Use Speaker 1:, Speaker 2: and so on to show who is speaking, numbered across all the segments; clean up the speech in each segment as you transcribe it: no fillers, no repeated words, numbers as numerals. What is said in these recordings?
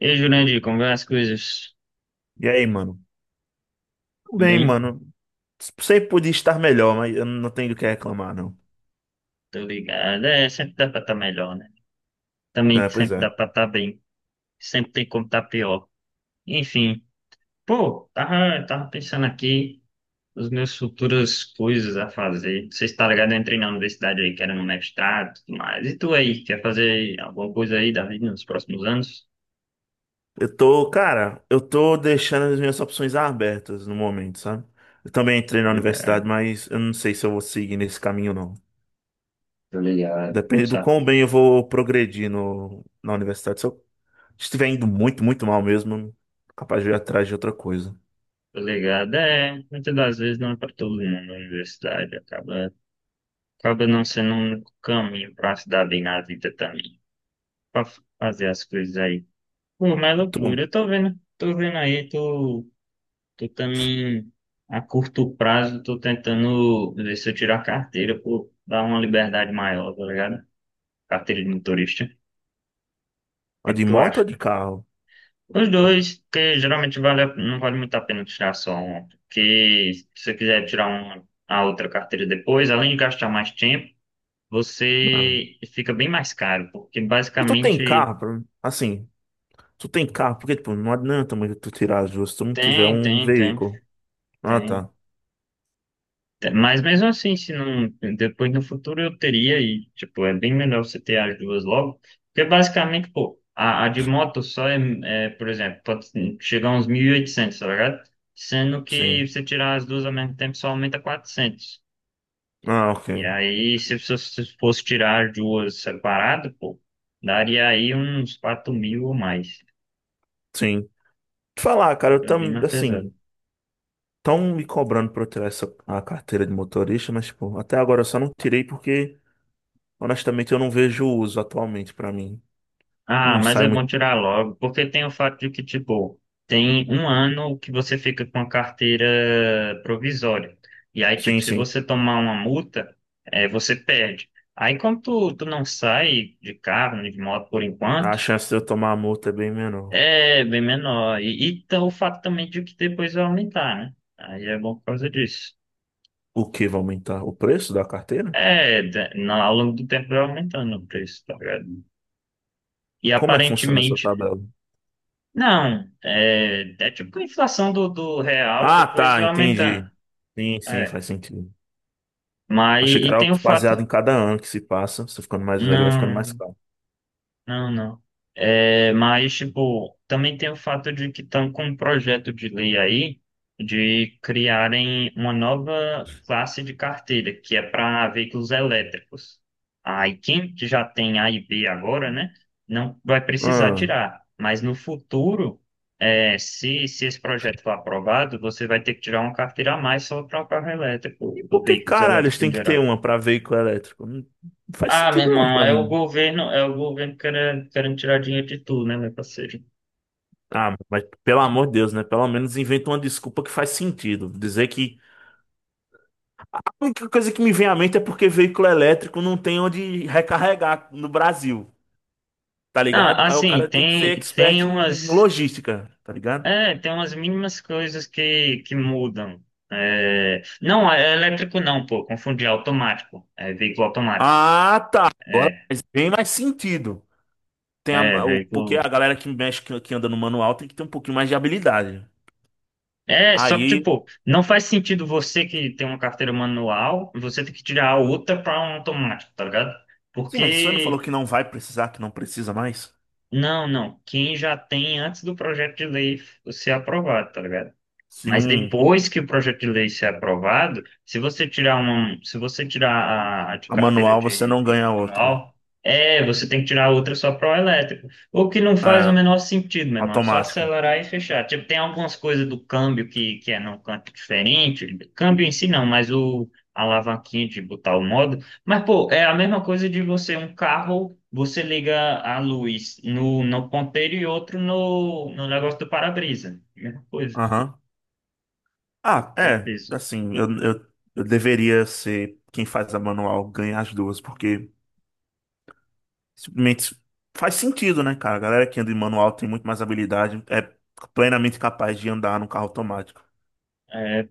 Speaker 1: E aí, Jurandir, como vão as coisas?
Speaker 2: E aí, mano? Tudo
Speaker 1: Tudo
Speaker 2: bem,
Speaker 1: bem,
Speaker 2: mano. Sempre podia estar melhor, mas eu não tenho do que reclamar, não.
Speaker 1: tô ligado. É, sempre dá pra estar melhor, né? Também
Speaker 2: É, pois
Speaker 1: sempre dá
Speaker 2: é.
Speaker 1: pra estar bem. Sempre tem como estar pior. Enfim, pô, tava pensando aqui nas minhas futuras coisas a fazer. Você está ligado? Eu entrei na universidade aí, querendo um mestrado e tudo mais. E tu aí, quer fazer alguma coisa aí da vida nos próximos anos?
Speaker 2: Eu tô, cara, eu tô deixando as minhas opções abertas no momento, sabe? Eu também entrei
Speaker 1: Tô
Speaker 2: na universidade,
Speaker 1: ligado.
Speaker 2: mas eu não sei se eu vou seguir nesse caminho, não.
Speaker 1: Tô ligado.
Speaker 2: Depende do
Speaker 1: Sabe?
Speaker 2: quão bem eu vou progredir na universidade. Se eu estiver indo muito, muito mal mesmo, capaz de eu ir atrás de outra coisa.
Speaker 1: Tô ligado. É, muitas das vezes não é pra todo mundo na universidade, acaba. Acaba não sendo um único caminho pra se dar bem na vida também. Pra fazer as coisas aí. Pô, mas é
Speaker 2: E tu,
Speaker 1: loucura. Eu tô vendo aí, tô, tô também a curto prazo, tô tentando ver se eu tiro a carteira, pô, dar uma liberdade maior, tá ligado? Carteira de motorista. O
Speaker 2: a
Speaker 1: que que
Speaker 2: de
Speaker 1: tu
Speaker 2: moto
Speaker 1: acha?
Speaker 2: ou de carro?
Speaker 1: Os dois, porque geralmente vale, não vale muito a pena tirar só uma. Porque se você quiser tirar uma, a outra carteira depois, além de gastar mais tempo,
Speaker 2: Não.
Speaker 1: você fica bem mais caro, porque
Speaker 2: E tu tem
Speaker 1: basicamente
Speaker 2: carro? Assim. Tu tem carro, porque, tipo, não adianta muito tu tirar as duas se tu não tiver
Speaker 1: tem,
Speaker 2: um
Speaker 1: tem, tem,
Speaker 2: veículo. Ah,
Speaker 1: tem.
Speaker 2: tá.
Speaker 1: Tem. Mas mesmo assim, se não, depois no futuro eu teria e, tipo, é bem melhor você ter as duas logo, porque basicamente, pô, a de moto só é, é, por exemplo, pode chegar a uns 1.800, tá ligado? Sendo que
Speaker 2: Sim.
Speaker 1: você tirar as duas ao mesmo tempo só aumenta 400.
Speaker 2: Ah, ok.
Speaker 1: E aí, se fosse tirar as duas separado pô, daria aí uns 4.000 ou mais.
Speaker 2: Sim. Te falar, cara,
Speaker 1: Fica bem mais
Speaker 2: assim,
Speaker 1: pesado.
Speaker 2: tão me cobrando pra eu tirar a carteira de motorista, mas, tipo, até agora eu só não tirei porque, honestamente, eu não vejo o uso atualmente pra mim. Eu
Speaker 1: Ah,
Speaker 2: não
Speaker 1: mas é
Speaker 2: saio muito.
Speaker 1: bom tirar logo, porque tem o fato de que, tipo, tem um ano que você fica com a carteira provisória. E aí, tipo,
Speaker 2: Sim,
Speaker 1: se
Speaker 2: sim.
Speaker 1: você tomar uma multa, é, você perde. Aí, como tu não sai de carro, nem de moto por
Speaker 2: A
Speaker 1: enquanto,
Speaker 2: chance de eu tomar a multa é bem menor.
Speaker 1: é bem menor. E tá o fato também de que depois vai aumentar, né? Aí é bom por causa disso.
Speaker 2: O que vai aumentar? O preço da carteira?
Speaker 1: É, ao longo do tempo vai aumentando o preço, tá ligado? E
Speaker 2: Como é que funciona essa
Speaker 1: aparentemente.
Speaker 2: tabela?
Speaker 1: Não, é, tipo a inflação do real
Speaker 2: Ah,
Speaker 1: depois
Speaker 2: tá,
Speaker 1: vai
Speaker 2: entendi.
Speaker 1: aumentando.
Speaker 2: Sim, sim,
Speaker 1: É.
Speaker 2: faz sentido.
Speaker 1: Mas
Speaker 2: Achei que
Speaker 1: e
Speaker 2: era algo
Speaker 1: tem o fato.
Speaker 2: baseado em cada ano que se passa. Você ficando mais velho, vai ficando mais
Speaker 1: Não.
Speaker 2: caro.
Speaker 1: Não, não. É, mas, tipo, também tem o fato de que estão com um projeto de lei aí de criarem uma nova classe de carteira, que é para veículos elétricos. Aí, quem já tem A e B agora, né, não vai precisar
Speaker 2: Ah,
Speaker 1: tirar. Mas no futuro, é, se esse projeto for aprovado, você vai ter que tirar uma carteira a mais só para o carro
Speaker 2: e
Speaker 1: elétrico, ou
Speaker 2: por que
Speaker 1: veículos
Speaker 2: caralho eles
Speaker 1: elétricos em
Speaker 2: têm que
Speaker 1: geral.
Speaker 2: ter uma pra veículo elétrico? Não, não faz
Speaker 1: Ah, meu
Speaker 2: sentido não
Speaker 1: irmão,
Speaker 2: pra mim.
Speaker 1: é o governo querendo, querendo tirar dinheiro de tudo, né, meu parceiro?
Speaker 2: Ah, mas pelo amor de Deus, né? Pelo menos inventa uma desculpa que faz sentido. Dizer que a única coisa que me vem à mente é porque veículo elétrico não tem onde recarregar no Brasil, tá
Speaker 1: Ah,
Speaker 2: ligado? Aí o
Speaker 1: assim,
Speaker 2: cara tem que ser
Speaker 1: tem
Speaker 2: expert em
Speaker 1: umas,
Speaker 2: logística, tá ligado?
Speaker 1: é, tem umas mínimas coisas que mudam. É, não, é elétrico não, pô, confundi, é automático, é veículo automático,
Speaker 2: Ah, tá. Agora
Speaker 1: é,
Speaker 2: faz bem mais sentido. Porque
Speaker 1: veículo.
Speaker 2: a galera que mexe, que anda no manual tem que ter um pouquinho mais de habilidade.
Speaker 1: É, só que,
Speaker 2: Aí,
Speaker 1: tipo, não faz sentido você que tem uma carteira manual, você ter que tirar a outra para um automático, tá ligado?
Speaker 2: sim, mas você não falou
Speaker 1: Porque
Speaker 2: que não vai precisar, que não precisa mais?
Speaker 1: Não, não. Quem já tem antes do projeto de lei ser aprovado, tá ligado? Mas
Speaker 2: Sim,
Speaker 1: depois que o projeto de lei ser aprovado, se você tirar a de
Speaker 2: a
Speaker 1: carteira
Speaker 2: manual você
Speaker 1: de
Speaker 2: não ganha
Speaker 1: veículo
Speaker 2: outra.
Speaker 1: manual, é, você tem que tirar outra só para o elétrico. O que não faz o
Speaker 2: É,
Speaker 1: menor sentido, meu irmão. É só
Speaker 2: automático.
Speaker 1: acelerar e fechar. Tipo, tem algumas coisas do câmbio que é num canto diferente. Câmbio em si não, mas o a alavanquinha de botar o modo. Mas, pô, é a mesma coisa de você, um carro, você liga a luz no ponteiro e outro no negócio do para-brisa. Mesma coisa.
Speaker 2: Aham. Ah,
Speaker 1: É.
Speaker 2: é, assim, eu deveria ser quem faz a manual ganhar as duas, porque simplesmente faz sentido, né, cara? A galera que anda em manual tem muito mais habilidade, é plenamente capaz de andar no carro automático.
Speaker 1: É,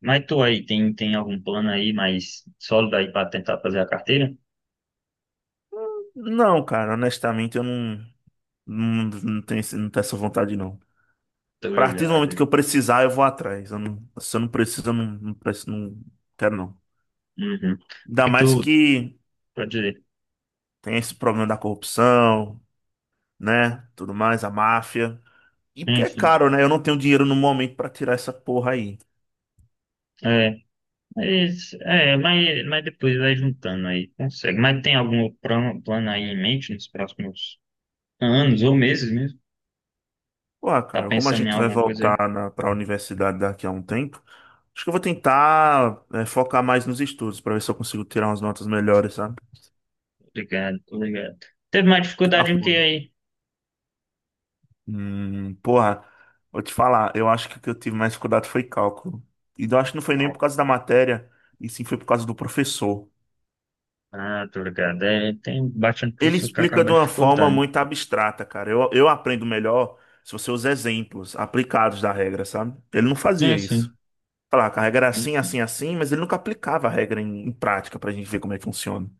Speaker 1: mas tu aí, tem algum plano aí mais sólido aí pra tentar fazer a carteira?
Speaker 2: Não, cara, honestamente, eu não. Não, não tem, não tem essa vontade, não.
Speaker 1: Tô
Speaker 2: A partir do momento que
Speaker 1: ligado.
Speaker 2: eu precisar, eu vou atrás. Eu não- se eu não preciso, eu não, não, não quero, não.
Speaker 1: Uhum.
Speaker 2: Ainda
Speaker 1: Mas
Speaker 2: mais
Speaker 1: tu,
Speaker 2: que
Speaker 1: pode dizer,
Speaker 2: tem esse problema da corrupção, né? Tudo mais, a máfia. E porque é
Speaker 1: enfim,
Speaker 2: caro, né? Eu não tenho dinheiro no momento pra tirar essa porra aí.
Speaker 1: é, mas depois vai juntando aí, consegue. Mas tem algum plano aí em mente nos próximos anos ou meses mesmo?
Speaker 2: Pô,
Speaker 1: Tá
Speaker 2: cara, como a
Speaker 1: pensando em
Speaker 2: gente vai
Speaker 1: alguma coisa aí?
Speaker 2: voltar pra universidade daqui a um tempo, acho que eu vou tentar, é, focar mais nos estudos pra ver se eu consigo tirar umas notas melhores, sabe?
Speaker 1: Tô ligado, tô ligado. Teve mais
Speaker 2: Porque tá
Speaker 1: dificuldade em que
Speaker 2: foda.
Speaker 1: aí?
Speaker 2: Porra, vou te falar, eu acho que o que eu tive mais dificuldade foi cálculo. E eu acho que não foi nem por causa da matéria, e sim foi por causa do professor.
Speaker 1: Ah, tô ligado. É, tem bastante
Speaker 2: Ele
Speaker 1: pessoa que
Speaker 2: explica de
Speaker 1: acaba
Speaker 2: uma forma
Speaker 1: dificultando.
Speaker 2: muito abstrata, cara. Eu aprendo melhor se você usa exemplos aplicados da regra, sabe? Ele não fazia
Speaker 1: Sim,
Speaker 2: isso.
Speaker 1: sim.
Speaker 2: Falar que a regra era assim, assim,
Speaker 1: Enfim.
Speaker 2: assim, mas ele nunca aplicava a regra em prática pra gente ver como é que funciona. O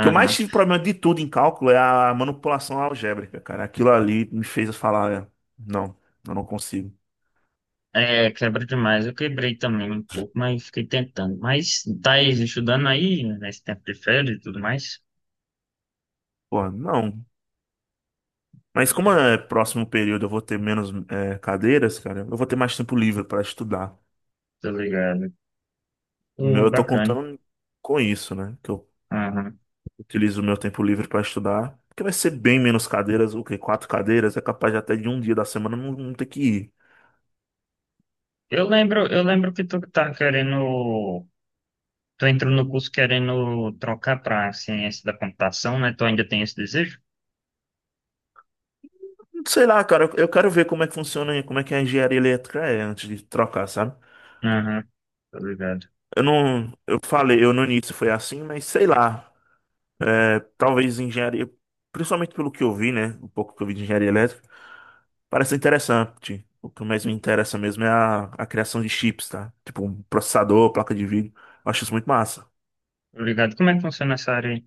Speaker 2: que eu mais tive problema de tudo em cálculo é a manipulação algébrica, cara. Aquilo ali me fez falar, é, não, eu não consigo.
Speaker 1: É, quebra demais. Eu quebrei também um pouco, mas fiquei tentando. Mas tá aí, estudando aí, né, nesse tempo de férias e tudo mais.
Speaker 2: Pô, não. Mas como
Speaker 1: Uhum.
Speaker 2: é próximo período eu vou ter menos é, cadeiras, cara, eu vou ter mais tempo livre para estudar.
Speaker 1: Tô ligado.
Speaker 2: Meu, eu tô
Speaker 1: Bacana.
Speaker 2: contando com isso, né? Que eu
Speaker 1: Aham.
Speaker 2: utilizo o meu tempo livre para estudar, porque vai ser bem menos cadeiras, o quê? Quatro cadeiras, é capaz de até de um dia da semana não, não ter que ir.
Speaker 1: Eu lembro que tu tá querendo. Tu entrou no curso querendo trocar pra ciência da computação, né? Tu ainda tem esse desejo?
Speaker 2: Sei lá, cara, eu quero ver como é que funciona, como é que é a engenharia elétrica é antes de trocar, sabe?
Speaker 1: Aham, tô ligado.
Speaker 2: Eu falei, eu no início foi assim, mas sei lá, é, talvez engenharia, principalmente pelo que eu vi, né? O pouco que eu vi de engenharia elétrica. Parece interessante. O que mais me interessa mesmo é a criação de chips, tá? Tipo, um processador, placa de vídeo. Eu acho isso muito massa.
Speaker 1: Tô ligado. Como é que funciona essa área aí?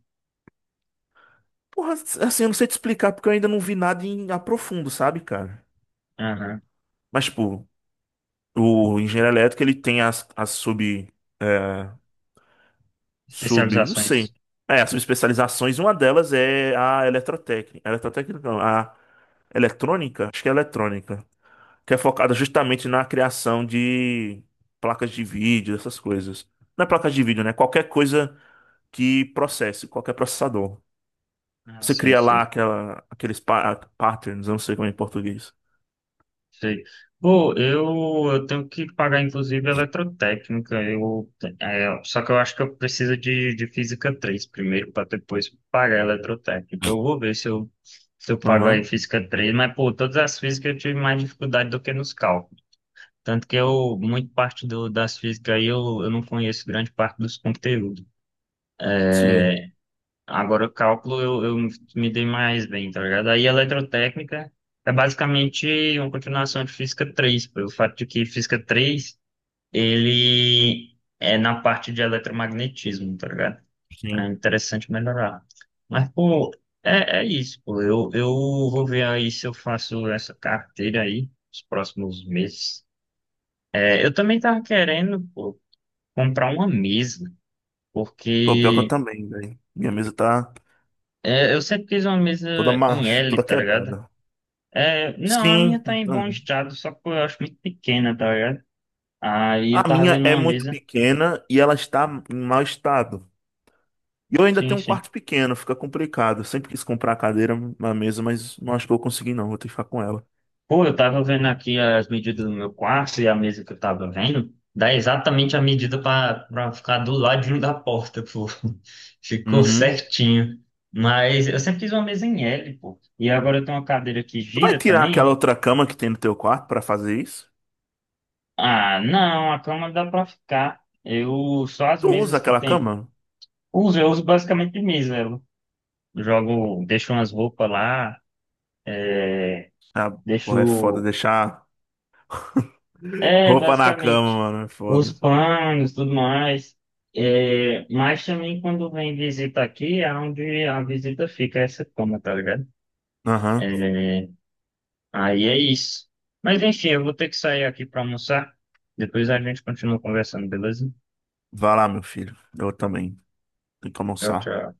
Speaker 2: Porra, assim, eu não sei te explicar porque eu ainda não vi nada em a profundo, sabe, cara?
Speaker 1: Aham.
Speaker 2: Mas, tipo, o engenheiro elétrico, ele tem as sub... é, sub... não
Speaker 1: Especializações.
Speaker 2: sei. É, as subespecializações. Uma delas é a eletrotécnica. Eletrotécnica, não. A eletrônica? Acho que é eletrônica. Que é focada justamente na criação de placas de vídeo, essas coisas. Não é placas de vídeo, né? Qualquer coisa que processe, qualquer processador.
Speaker 1: Ah,
Speaker 2: Você
Speaker 1: sei,
Speaker 2: cria lá
Speaker 1: sei.
Speaker 2: aquela, aqueles patterns, eu não sei como é em português.
Speaker 1: Sei. Pô, eu tenho que pagar, inclusive, eletrotécnica. Eu, é, só que eu acho que eu preciso de Física III primeiro, para depois pagar a eletrotécnica. Eu vou ver se eu, se eu pago aí
Speaker 2: Aham.
Speaker 1: Física III mas, pô, todas as físicas eu tive mais dificuldade do que nos cálculos. Tanto que eu, muito parte das físicas aí, eu não conheço grande parte dos conteúdos.
Speaker 2: Sim,
Speaker 1: É, agora, o cálculo eu me dei mais bem, tá ligado? Aí, eletrotécnica é basicamente uma continuação de Física III pelo fato de que Física III ele é na parte de eletromagnetismo, tá ligado? É
Speaker 2: sim.
Speaker 1: interessante melhorar. Mas, pô, é isso, pô. Eu vou ver aí se eu faço essa carteira aí nos próximos meses. É, eu também tava querendo, pô, comprar uma mesa,
Speaker 2: Pô, pior que eu
Speaker 1: porque.
Speaker 2: também, velho. Minha mesa tá
Speaker 1: É, eu sempre quis uma mesa
Speaker 2: toda
Speaker 1: em
Speaker 2: marcha,
Speaker 1: L,
Speaker 2: toda
Speaker 1: tá ligado?
Speaker 2: quebrada.
Speaker 1: É, não, a
Speaker 2: Sim,
Speaker 1: minha tá em
Speaker 2: então,
Speaker 1: bom estado, só que eu acho muito pequena, tá ligado? Aí eu
Speaker 2: a
Speaker 1: tava
Speaker 2: minha
Speaker 1: vendo
Speaker 2: é
Speaker 1: uma
Speaker 2: muito
Speaker 1: mesa.
Speaker 2: pequena e ela está em mau estado. E eu ainda
Speaker 1: Sim,
Speaker 2: tenho um
Speaker 1: sim.
Speaker 2: quarto pequeno, fica complicado. Eu sempre quis comprar a cadeira, uma mesa, mas não acho que eu vou conseguir, não. Vou ter que ficar com ela.
Speaker 1: Pô, eu tava vendo aqui as medidas do meu quarto e a mesa que eu tava vendo. Dá exatamente a medida pra ficar do ladinho da porta, pô. Ficou
Speaker 2: Uhum.
Speaker 1: certinho. Mas eu sempre quis uma mesa em L, pô. E agora eu tenho uma cadeira que
Speaker 2: Tu vai
Speaker 1: gira
Speaker 2: tirar aquela
Speaker 1: também.
Speaker 2: outra cama que tem no teu quarto pra fazer isso?
Speaker 1: Ah, não, a cama dá pra ficar. Eu só as
Speaker 2: Tu usa
Speaker 1: mesas que
Speaker 2: aquela
Speaker 1: tem.
Speaker 2: cama?
Speaker 1: Uso, eu uso basicamente Miserlo. Jogo, deixo umas roupas lá,
Speaker 2: Ah, porra, é foda
Speaker 1: deixo.
Speaker 2: deixar
Speaker 1: É,
Speaker 2: roupa na
Speaker 1: basicamente.
Speaker 2: cama, mano. É
Speaker 1: Os
Speaker 2: foda.
Speaker 1: panos, tudo mais. É, mas também quando vem visita aqui, é onde a visita fica, essa cama, tá ligado?
Speaker 2: Aham.
Speaker 1: É, aí é isso. Mas enfim, eu vou ter que sair aqui pra almoçar. Depois a gente continua conversando, beleza?
Speaker 2: Vai lá, meu filho. Eu também. Tenho que
Speaker 1: Tchau,
Speaker 2: almoçar.
Speaker 1: tchau.